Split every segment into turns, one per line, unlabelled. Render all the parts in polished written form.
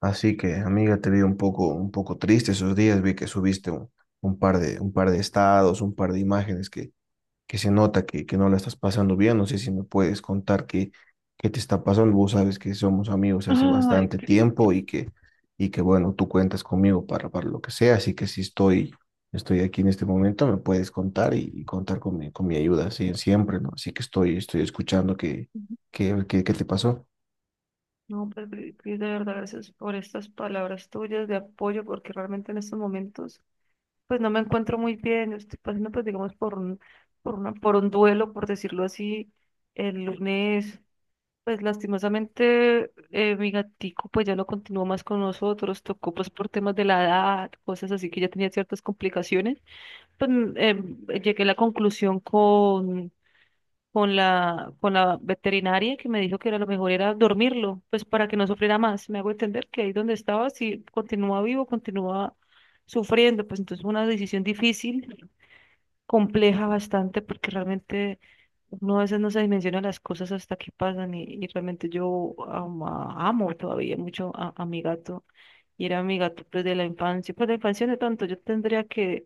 Así que, amiga, te vi un poco triste esos días. Vi que subiste un par de estados, un par de imágenes que se nota que no la estás pasando bien. No sé si me puedes contar qué te está pasando. Vos sabes que somos amigos hace
Ay,
bastante
Cris.
tiempo y que bueno, tú cuentas conmigo para lo que sea. Así que si estoy, estoy aquí en este momento, me puedes contar y contar con mi ayuda, sí, siempre, ¿no? Así que estoy escuchando qué te pasó.
No, pues, Cris, Cris, de verdad, gracias por estas palabras tuyas de apoyo, porque realmente en estos momentos, pues no me encuentro muy bien. Yo Estoy pasando, pues, digamos, por una, por un duelo, por decirlo así. El lunes, pues, lastimosamente, mi gatico, pues, ya no continuó más con nosotros. Tocó, pues, por temas de la edad, cosas así que ya tenía ciertas complicaciones. Pues, llegué a la conclusión con la veterinaria que me dijo que era lo mejor era dormirlo, pues para que no sufriera más. Me hago entender que ahí donde estaba, si continuaba vivo, continuaba sufriendo. Pues entonces fue una decisión difícil, compleja bastante, porque realmente uno a veces no se dimensiona las cosas hasta que pasan y realmente amo todavía mucho a mi gato. Y era mi gato pues de la infancia, pues de la infancia no tanto, yo tendría que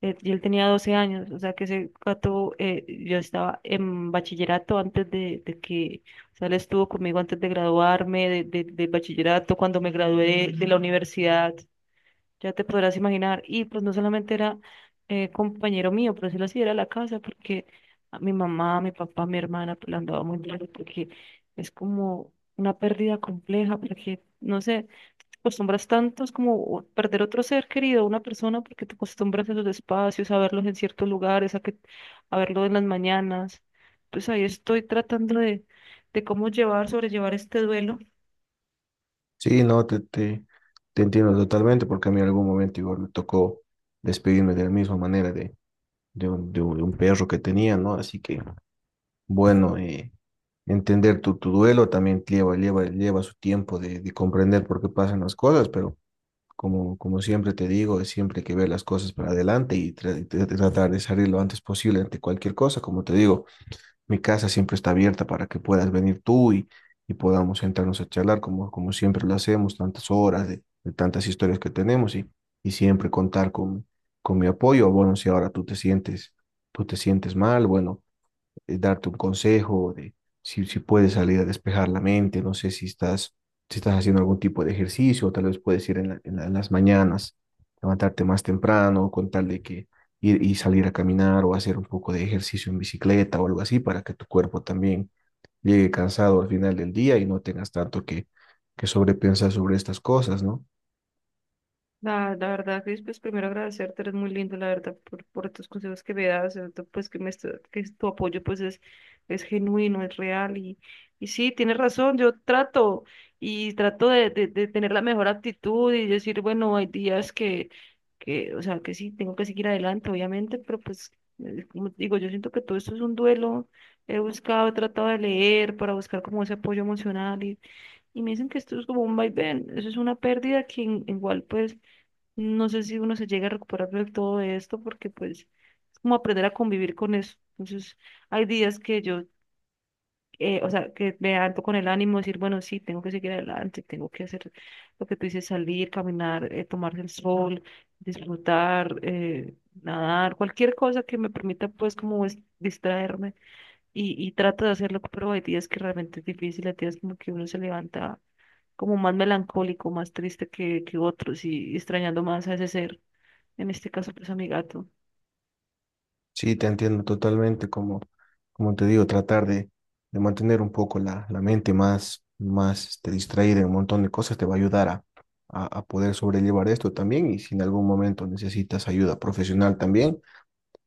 yo él tenía 12 años, o sea que ese gato, yo estaba en bachillerato antes de que, o sea, él estuvo conmigo antes de graduarme, del bachillerato, cuando me gradué de la universidad, ya te podrás imaginar. Y pues no solamente era compañero mío, por decirlo así, era la casa, porque a mi mamá, mi papá, mi hermana, pues la andaba muy bien, porque es como una pérdida compleja, porque, no sé acostumbras tanto, es como perder otro ser querido, una persona, porque te acostumbras a sus espacios, a verlos en ciertos lugares, a que, a verlo en las mañanas. Pues ahí estoy tratando de cómo llevar, sobrellevar este duelo.
Sí, no, te entiendo totalmente porque a mí en algún momento igual me tocó despedirme de la misma manera de un perro que tenía, ¿no? Así que, bueno, entender tu duelo también lleva su tiempo de comprender por qué pasan las cosas, pero como, como siempre te digo, es siempre hay que ver las cosas para adelante y tratar de salir lo antes posible ante cualquier cosa, como te digo. Mi casa siempre está abierta para que puedas venir tú y podamos sentarnos a charlar como, como siempre lo hacemos, tantas horas de tantas historias que tenemos y siempre contar con mi apoyo. Bueno, si ahora tú te sientes mal, bueno, darte un consejo de si puedes salir a despejar la mente, no sé si estás haciendo algún tipo de ejercicio, o tal vez puedes ir en las mañanas, levantarte más temprano, con tal de que ir y salir a caminar o hacer un poco de ejercicio en bicicleta o algo así para que tu cuerpo también llegue cansado al final del día y no tengas tanto que sobrepensar sobre estas cosas, ¿no?
La verdad, Cris, pues primero agradecerte, eres muy lindo, la verdad, por tus consejos que me das, sobre todo, pues que, que tu apoyo pues es genuino, es real y sí, tienes razón, yo trato y trato de tener la mejor actitud y decir, bueno, hay días que, o sea, que sí, tengo que seguir adelante, obviamente, pero pues, como te digo, yo siento que todo esto es un duelo, he buscado, he tratado de leer para buscar como ese apoyo emocional y me dicen que esto es como un vaivén, eso es una pérdida que en- igual pues no sé si uno se llega a recuperar de todo esto porque pues es como aprender a convivir con eso. Entonces hay días que yo, o sea, que me alto con el ánimo, decir, bueno, sí, tengo que seguir adelante, tengo que hacer lo que tú dices, salir, caminar, tomarse el sol, disfrutar, nadar, cualquier cosa que me permita pues distraerme y trato de hacerlo, pero hay días que realmente es difícil, hay días como que uno se levanta como más melancólico, más triste que otros y extrañando más a ese ser, en este caso pues a mi gato.
Sí, te entiendo totalmente, como, como te digo, tratar de mantener un poco la mente más, más este, distraída en un montón de cosas te va a ayudar a poder sobrellevar esto también y si en algún momento necesitas ayuda profesional también,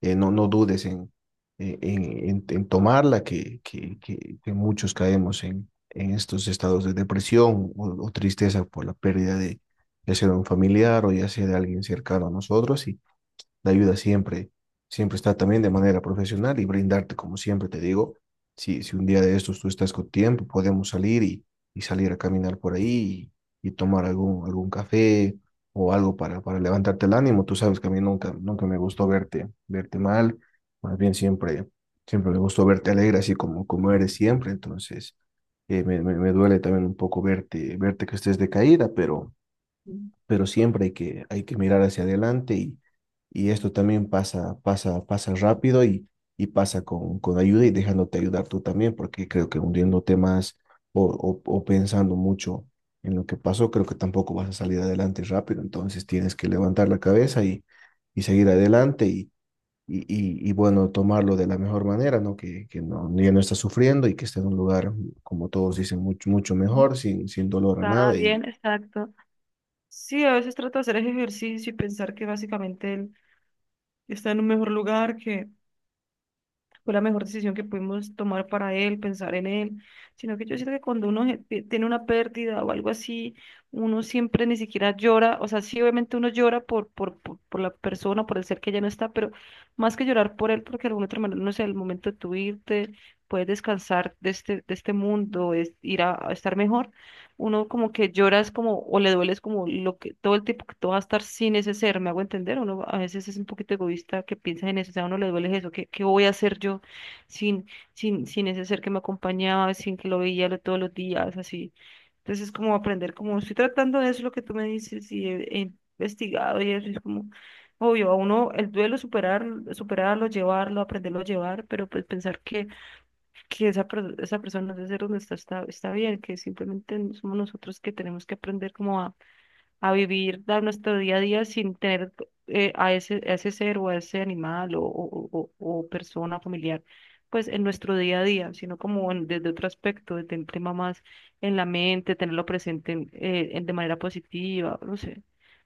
no, no dudes en, en tomarla, que muchos caemos en estos estados de depresión o tristeza por la pérdida de ya sea de un familiar o ya sea de alguien cercano a nosotros. Y la ayuda siempre, siempre está también de manera profesional y brindarte, como siempre te digo, si un día de estos tú estás con tiempo, podemos salir y salir a caminar por ahí y tomar algún, algún café o algo para levantarte el ánimo. Tú sabes que a mí nunca, nunca me gustó verte mal, más bien siempre, siempre me gustó verte alegre, así como, como eres siempre, entonces me duele también un poco verte que estés decaída,
Ujú.
pero siempre hay que mirar hacia adelante y esto también pasa, pasa rápido y pasa con ayuda y dejándote ayudar tú también, porque creo que hundiéndote más o pensando mucho en lo que pasó, creo que tampoco vas a salir adelante rápido, entonces tienes que levantar la cabeza y seguir adelante y bueno, tomarlo de la mejor manera, ¿no? Que no, ya no está sufriendo y que esté en un lugar, como todos dicen, mucho, mucho mejor, sin, sin dolor a
Está
nada y
bien, exacto. Sí, a veces trato de hacer ese ejercicio y pensar que básicamente él está en un mejor lugar, que fue la mejor decisión que pudimos tomar para él, pensar en él, sino que yo siento que cuando tiene una pérdida o algo así, uno siempre ni siquiera llora, o sea, sí, obviamente uno llora por la persona, por el ser que ya no está, pero más que llorar por él, porque de alguna otra manera, no sé, el momento de tu irte, puedes descansar de este mundo, es ir a estar mejor uno como que lloras como o le dueles como lo que todo el tiempo que tú vas a estar sin ese ser, ¿me hago entender? Uno a veces es un poquito egoísta que piensa en eso, o sea, a uno le duele eso, ¿qué, qué voy a hacer yo sin, sin, sin ese ser que me acompañaba, sin que todos los días, así? Entonces es como aprender, como estoy tratando de eso, lo que tú me dices y he investigado y eso es como... Obvio, a uno el duelo superar, superarlo, llevarlo, aprenderlo a llevar, pero pues pensar que esa persona de ser donde está, está bien, que simplemente somos nosotros que tenemos que aprender como a vivir dar nuestro día a día sin tener a ese ser o a ese animal o persona familiar, pues en nuestro día a día, desde otro aspecto, desde el tema más en la mente, tenerlo presente en- de manera positiva, no sé.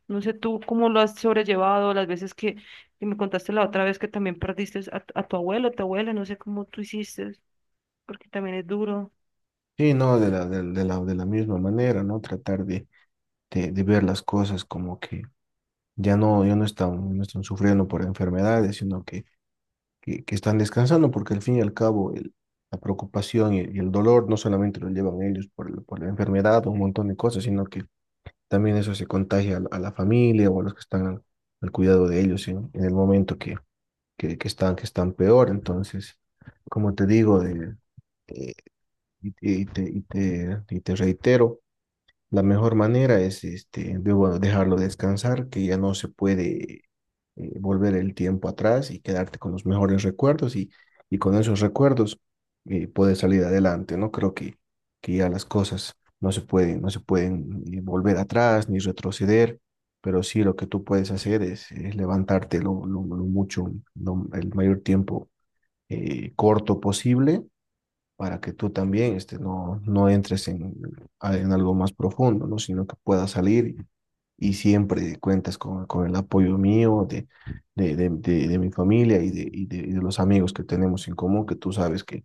No sé tú cómo lo has sobrellevado, las veces que me contaste la otra vez que también perdiste a tu abuelo, tu abuela, no sé cómo tú hiciste porque también es duro.
sí, no, de la misma manera, ¿no? Tratar de ver las cosas como que ya no, ya no están, no están sufriendo por enfermedades, sino que están descansando, porque al fin y al cabo la preocupación y el dolor no solamente lo llevan ellos por, por la enfermedad o un montón de cosas, sino que también eso se contagia a la familia o a los que están al, al cuidado de ellos en el momento que están peor. Entonces, como te digo, de, eh, y te reitero. La mejor manera es este, de, bueno, dejarlo descansar, que ya no se puede volver el tiempo atrás y quedarte con los mejores recuerdos y con esos recuerdos puedes salir adelante, ¿no? Creo que ya las cosas no se pueden, no se pueden volver atrás ni retroceder, pero sí lo que tú puedes hacer es levantarte lo mucho, el mayor tiempo corto posible para que tú también este, no, no entres en algo más profundo, ¿no? Sino que puedas salir y siempre cuentas con el apoyo mío, de mi familia y y de los amigos que tenemos en común, que tú sabes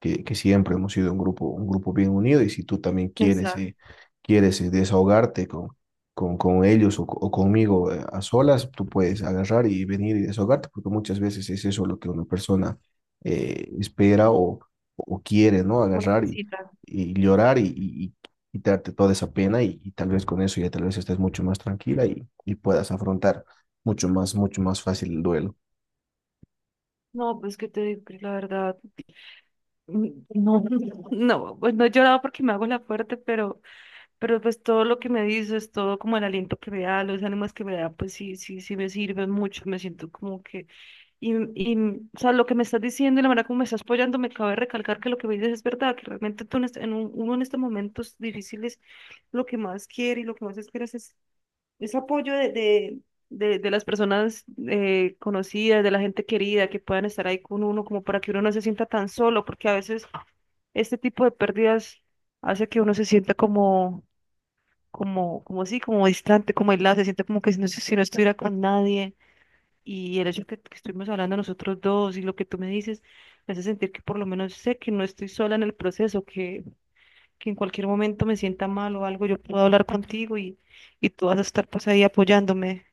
que siempre hemos sido un grupo bien unido y si tú también quieres,
Exacto.
quieres desahogarte con… con ellos o conmigo a solas, tú puedes agarrar y venir y desahogarte, porque muchas veces es eso lo que una persona espera o quiere, ¿no?
Lo
Agarrar
necesita.
y llorar y quitarte toda esa pena y tal vez con eso ya tal vez estés mucho más tranquila y puedas afrontar mucho más fácil el duelo.
No, pues que te digo, Cris, la verdad, mm, no, no, pues no he llorado porque me hago la fuerte, pero pues todo lo que me dices, todo como el aliento que me da, los ánimos que me da, pues sí, sí, sí me sirven mucho, me siento como que, y, y, o sea, lo que me estás diciendo y la manera como me estás apoyando, me cabe recalcar que lo que me dices es verdad, que realmente tú en este- en un- uno en estos momentos difíciles, lo que más quiere y lo que más esperas es apoyo de las personas conocidas, de la gente querida, que puedan estar ahí con uno, como para que uno no se sienta tan solo, porque a veces este tipo de pérdidas hace que uno se sienta como, como, como distante, como aislado, se siente como que si no, si no estuviera con nadie. Y el hecho que estuvimos hablando nosotros dos y lo que tú me dices, me hace sentir que por lo menos sé que no estoy sola en el proceso, que en cualquier momento me sienta mal o algo, yo puedo hablar contigo y tú vas a estar pues ahí apoyándome.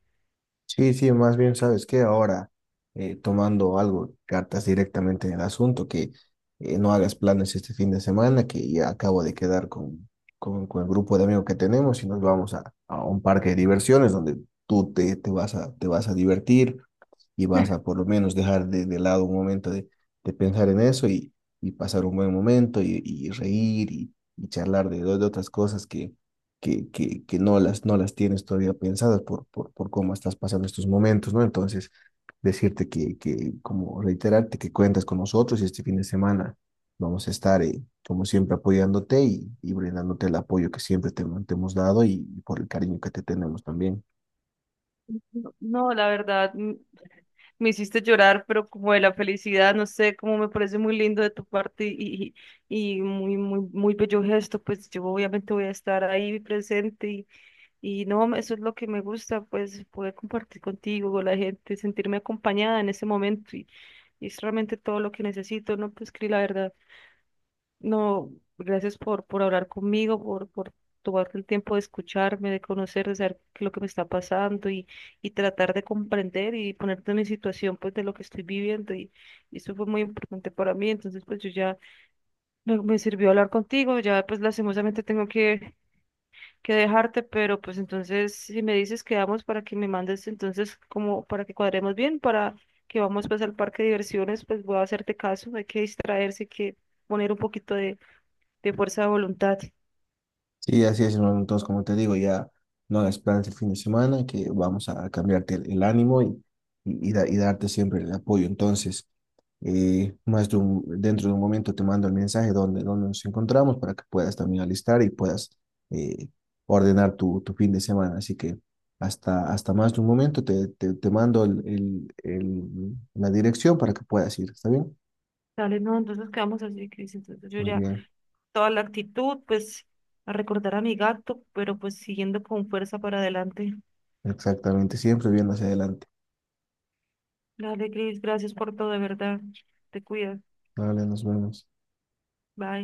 Sí, sí, más bien, ¿sabes qué? Ahora, tomando algo, cartas directamente en el asunto, que no hagas planes este fin de semana, que ya acabo de quedar con el grupo de amigos que tenemos y nos vamos a un parque de diversiones donde tú te, te vas a divertir y vas a por lo menos dejar de lado un momento de pensar en eso y pasar un buen momento y reír y charlar de otras cosas que no las, no las tienes todavía pensadas por cómo estás pasando estos momentos, ¿no? Entonces, decirte que, como reiterarte que cuentas con nosotros y este fin de semana vamos a estar, como siempre, apoyándote y brindándote el apoyo que siempre te hemos dado y por el cariño que te tenemos también.
No, no, la verdad, me hiciste llorar, pero como de la felicidad, no sé, como me parece muy lindo de tu parte y muy, muy, muy bello gesto, pues yo obviamente voy a estar ahí presente y no, eso es lo que me gusta, pues poder compartir contigo, con la gente, sentirme acompañada en ese momento y es realmente todo lo que necesito, ¿no? Pues Cris, la verdad. No, gracias por hablar conmigo, por tomarte el tiempo de escucharme, de conocer, de saber qué es lo que me está pasando y tratar de comprender y ponerte en mi situación pues de lo que estoy viviendo y eso fue muy importante para mí. Entonces pues yo ya me sirvió hablar contigo, ya pues lastimosamente tengo que dejarte, pero pues entonces si me dices quedamos para que me mandes entonces como para que cuadremos bien, para que vamos pues al parque de diversiones, pues voy a hacerte caso, hay que distraerse, hay que poner un poquito de fuerza de voluntad.
Sí, así es, hermano. Entonces, como te digo, ya no hagas planes el fin de semana, que vamos a cambiarte el ánimo y y darte siempre el apoyo. Entonces, dentro de un momento te mando el mensaje donde, donde nos encontramos para que puedas también alistar y puedas eh, ordenar tu, tu fin de semana. Así que hasta, hasta más de un momento te mando la dirección para que puedas ir. ¿Está bien?
Dale, no, entonces quedamos así, Cris. Entonces yo
Muy
ya,
bien.
toda la actitud, pues, a recordar a mi gato, pero pues siguiendo con fuerza para adelante.
Exactamente. Siempre viendo hacia adelante.
Dale, Cris, gracias por todo, de verdad. Te cuidas.
Vale, nos vemos.
Bye.